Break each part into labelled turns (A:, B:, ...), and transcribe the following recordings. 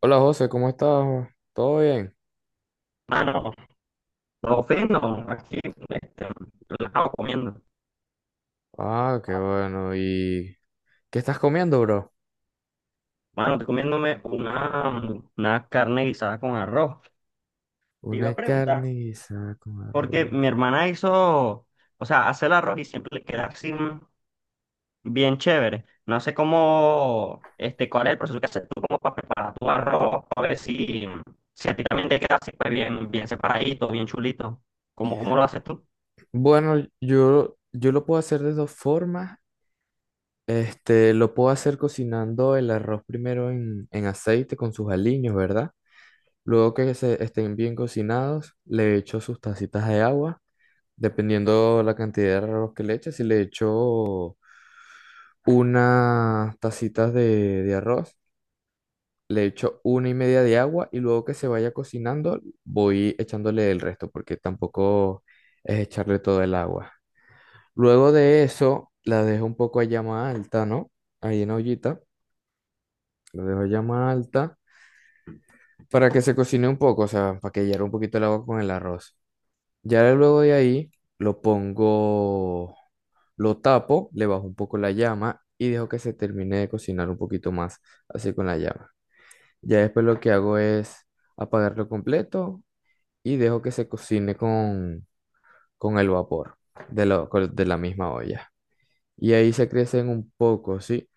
A: Hola José, ¿cómo estás? ¿Todo bien?
B: Mano, no ofendo, aquí, este, relajado comiendo.
A: Ah, qué bueno. ¿Y qué estás comiendo, bro?
B: Mano, estoy comiéndome una carne guisada con arroz. Te iba a
A: Una
B: preguntar,
A: carne guisada con
B: porque
A: arroz.
B: mi hermana hizo, o sea, hace el arroz y siempre le queda así bien chévere. No sé cómo, cuál es el proceso que haces tú como para preparar tu arroz, para ver si a ti también te queda así, pues bien, bien separadito, bien chulito. ¿Cómo lo haces tú?
A: Bueno, yo lo puedo hacer de dos formas. Este, lo puedo hacer cocinando el arroz primero en aceite con sus aliños, ¿verdad? Luego que se estén bien cocinados, le echo sus tacitas de agua, dependiendo la cantidad de arroz que le eches. Si le echo unas tacitas de arroz, le echo una y media de agua y luego que se vaya cocinando voy echándole el resto porque tampoco es echarle todo el agua. Luego de eso la dejo un poco a llama alta, ¿no? Ahí en la ollita, la dejo a llama alta para que se cocine un poco, o sea, para que hierva un poquito el agua con el arroz. Ya luego de ahí lo pongo, lo tapo, le bajo un poco la llama y dejo que se termine de cocinar un poquito más así con la llama. Ya después lo que hago es apagarlo completo y dejo que se cocine con el vapor de, de la misma olla. Y ahí se crecen un poco, ¿sí?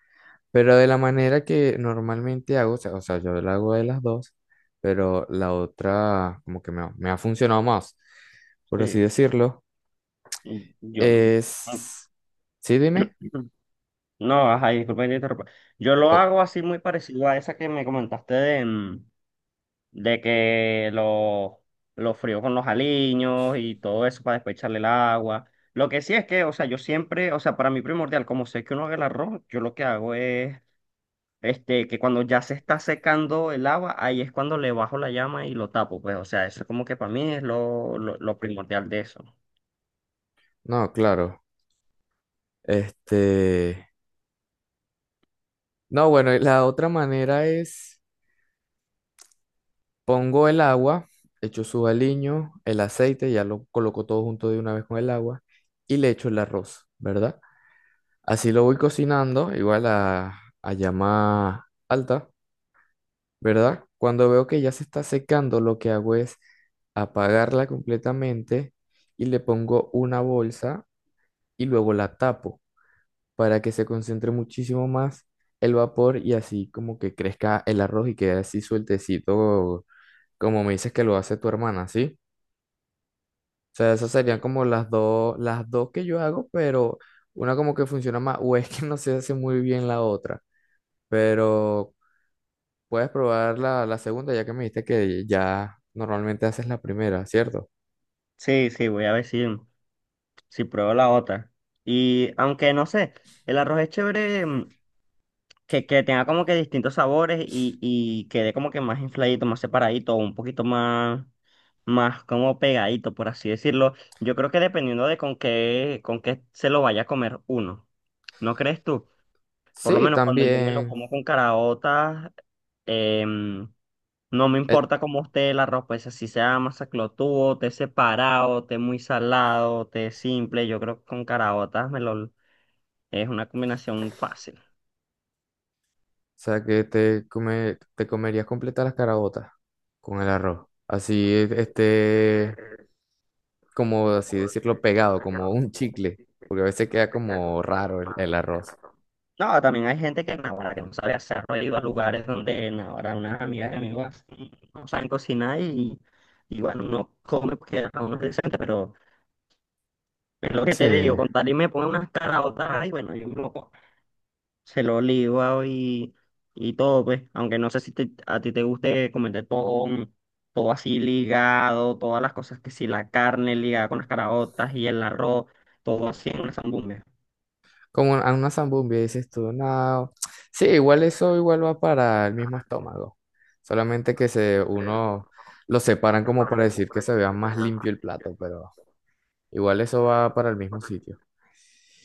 A: Pero de la manera que normalmente hago, o sea, yo la hago de las dos, pero la otra como que me ha funcionado más, por así
B: Sí,
A: decirlo,
B: yo.
A: es... ¿Sí, dime?
B: No, ajá, disculpa que te interrumpa. Yo lo
A: Oh,
B: hago así muy parecido a esa que me comentaste de que lo frío con los aliños y todo eso para después echarle el agua. Lo que sí es que, o sea, yo siempre, o sea, para mí primordial, como sé que uno haga el arroz, yo lo que hago es, que cuando ya se está secando el agua, ahí es cuando le bajo la llama y lo tapo, pues, o sea, eso como que para mí es lo primordial de eso.
A: no, claro. Este... No, bueno, y la otra manera es... Pongo el agua, echo su aliño, el aceite, ya lo coloco todo junto de una vez con el agua y le echo el arroz, ¿verdad? Así lo voy cocinando, igual a llama alta, ¿verdad? Cuando veo que ya se está secando, lo que hago es apagarla completamente y le pongo una bolsa y luego la tapo para que se concentre muchísimo más el vapor y así como que crezca el arroz y quede así sueltecito, como me dices que lo hace tu hermana, ¿sí? Sea, esas serían como las dos que yo hago, pero una como que funciona más, o es que no se hace muy bien la otra, pero puedes probar la segunda, ya que me dijiste que ya normalmente haces la primera, ¿cierto?
B: Sí, sí, voy a decir. Si pruebo la otra. Y aunque no sé, el arroz es chévere que tenga como que distintos sabores y quede como que más infladito, más separadito, un poquito más como pegadito, por así decirlo. Yo creo que dependiendo de con qué, se lo vaya a comer uno. ¿No crees tú? Por lo
A: Sí,
B: menos cuando yo me lo
A: también.
B: como con caraotas, em, no me importa
A: O
B: cómo esté la ropa, esa si sea masaclotudo, té separado, té muy salado, té simple, yo creo que con caraotas me lo, es una combinación fácil.
A: sea, que te te comerías completas las carabotas con el arroz. Así, este, como así decirlo, pegado, como un chicle, porque a veces queda como raro el arroz.
B: No, también hay gente que, naguará, que no sabe hacerlo, he ido a lugares donde naguará, unas amigas y amigos no saben cocinar y bueno, uno come porque a uno es decente, pero es lo que
A: Sí.
B: te digo, con tal y me pone unas caraotas, y bueno, yo me lo como. Se lo liba y todo, pues. Aunque no sé si a ti te guste comer todo, todo así ligado, todas las cosas que si la carne ligada con las caraotas y el arroz, todo así en una zambumbia.
A: ¿Como a una zambumbia, dices tú? No. Sí, igual eso igual va para el mismo estómago. Solamente que se uno lo separan como para decir que se vea más limpio el plato, pero igual eso va para el mismo sitio.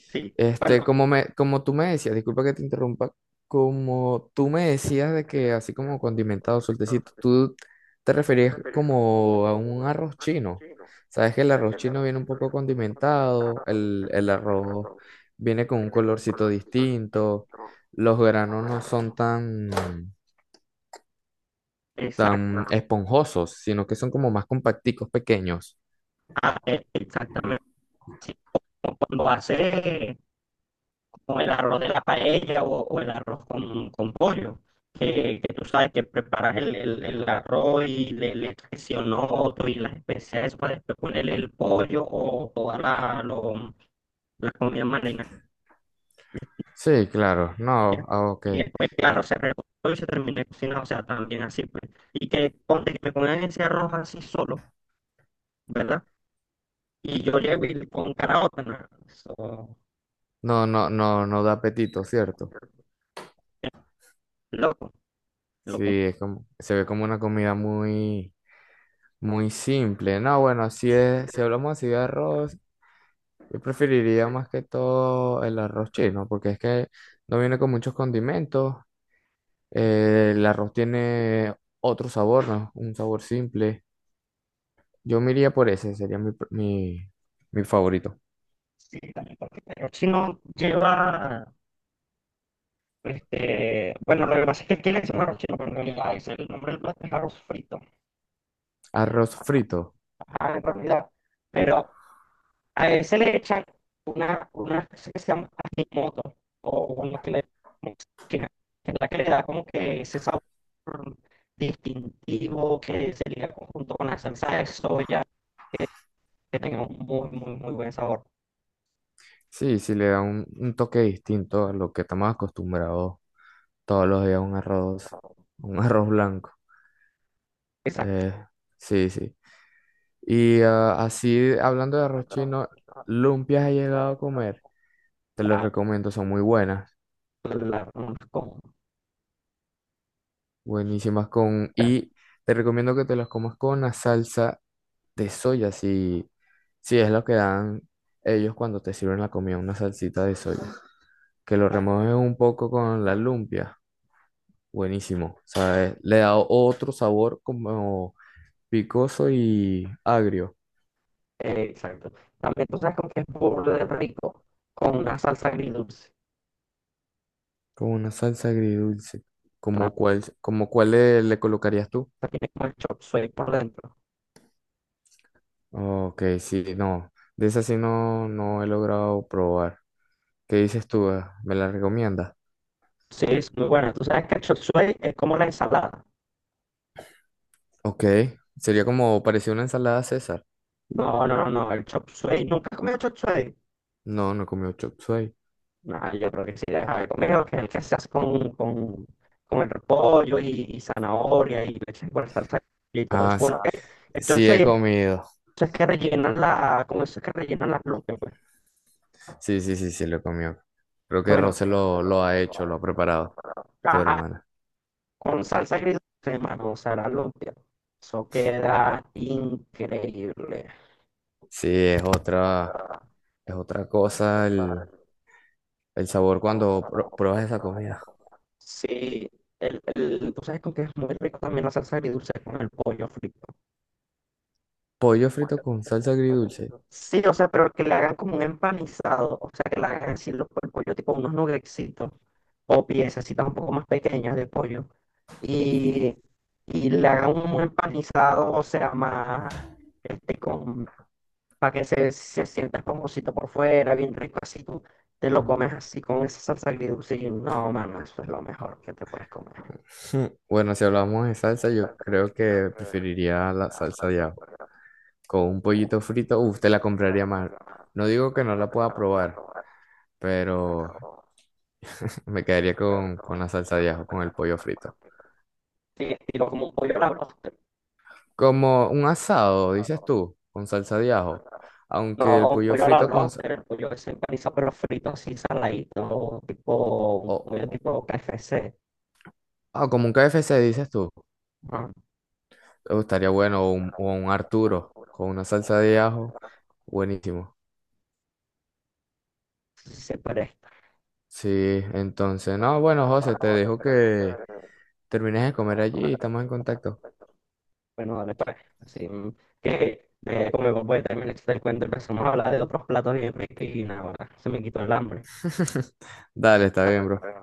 B: Sí,
A: Este,
B: bueno,
A: como tú me decías, disculpa que te interrumpa, como tú me decías de que así como condimentado, sueltecito,
B: exacto.
A: tú te referías como a un arroz chino. Sabes que el arroz chino viene un poco condimentado, el arroz viene con un colorcito distinto, los granos no son tan, tan esponjosos, sino que son como más compacticos, pequeños.
B: Ah, exactamente. Así como cuando hace o el arroz de la paella o el arroz con pollo, que tú sabes que preparas el arroz y le echas que sí otro y las especias, eso, para después ponerle el pollo o toda la comida marina.
A: Sí, claro, no, ah, ok.
B: Y después, claro,
A: Y-
B: se recortó y se terminó de cocinar, o sea, también así, pues. Y que ponte que me ponen ese arroz así solo, ¿verdad? Y yo llego y con caraota, ¿no? Eso,
A: No, no, no, no da apetito, ¿cierto?
B: loco,
A: Sí,
B: loco.
A: es como, se ve como una comida muy, muy simple. No, bueno, si es, si hablamos así de arroz, yo preferiría más que todo el arroz chino, porque es que no viene con muchos condimentos. El arroz tiene otro sabor, ¿no? Un sabor simple. Yo me iría por ese, sería mi favorito.
B: Sí, también porque el arroz chino lleva. Bueno, lo que pasa es que aquí le decimos arroz chino, pero en realidad ese es el nombre del plato es arroz frito.
A: Arroz frito.
B: Ajá, en realidad. Pero a ese le echan una cosa que se llama ajimoto, o bueno, que es la que le da como que ese sabor distintivo que se liga junto con la salsa de soya, que, que tenga un muy, muy, muy buen sabor.
A: Sí, sí le da un toque distinto a lo que estamos acostumbrados todos los días, un arroz, un arroz blanco.
B: Exacto.
A: Eh, sí, sí. Y ah, así, hablando de arroz chino, lumpias he llegado a comer. Te los
B: La,
A: recomiendo, son muy buenas,
B: la, la- con-
A: buenísimas con... Y te recomiendo que te los comas con la salsa de soya, si es lo que dan ellos cuando te sirven la comida, una salsita de soya. Que lo remojes un poco con la lumpia, buenísimo, ¿sabes? Le da otro sabor como picoso y agrio,
B: Exacto. También tú sabes con qué es burde rico, con una salsa agridulce.
A: como una salsa agridulce,
B: La
A: como cuál le le colocarías tú.
B: salsa tiene como el chop suey por dentro.
A: Ok, sí, no. De esa sí no, no he logrado probar. ¿Qué dices tú? ¿Eh? ¿Me la recomiendas?
B: Sí, es muy buena. Tú sabes que el chop suey es como la ensalada.
A: Ok. Sería como parecía una ensalada César.
B: No, no, no, no, el chop suey. ¿Nunca has comido chop suey?
A: No, no he comido chop suey.
B: No, yo creo que sí, deja de comer, que es el que se hace con el repollo y zanahoria y leche por salsa y todo eso.
A: Ah, sí,
B: Bueno, el chop
A: sí he
B: suey es,
A: comido.
B: eso es que rellenan la, como eso es que rellenan las lumpias, pues.
A: Sí, sí, sí, sí, lo he comido. Creo que
B: Bueno,
A: Rose
B: pero
A: lo
B: no
A: ha hecho, lo ha preparado, tu hermana.
B: con salsa gris, hermano, será lumpia. Eso queda increíble.
A: Sí, es otra cosa el sabor cuando pruebas esa comida.
B: Sí, tú sabes con que es muy rico también la salsa agridulce con el pollo frito.
A: Pollo frito con salsa agridulce.
B: Sí, o sea, pero que le hagan como un empanizado, o sea, que le hagan así el pollo, tipo unos nuggetsitos o piececitas un poco más pequeñas de pollo y, y le hagan un empanizado, o sea, más con para que se sienta esponjosito por fuera, bien rico, así tú te lo comes así con esa salsa agridulce y no, mano, eso es lo mejor que te puedes comer.
A: Bueno, si hablamos de salsa, yo creo que preferiría la salsa de ajo. Con un pollito frito, uf, te la compraría más. No digo que no la pueda probar, pero me quedaría con la salsa de ajo, con el pollo frito.
B: Sí, estilo como un pollo a la bróster.
A: Como un asado, dices tú, con salsa de ajo.
B: No,
A: Aunque el
B: un
A: pollo
B: pollo a la
A: frito con...
B: bróster, el pollo ese empanizado, pero frito así, saladito, tipo, un
A: o-
B: pollo tipo KFC.
A: como un KFC, dices tú.
B: Ah,
A: Oh, estaría bueno, o un Arturo, con una salsa de ajo. Buenísimo.
B: sí, sí, pero.
A: Sí, entonces, no, bueno, José, te dejo que terminas de comer allí y estamos en contacto.
B: Bueno, dale pues, así, que como mi papá también le el cuento y empezamos a hablar de otros platos bien ricos y nada, ahora se me quitó el hambre.
A: Dale, está bien, bro.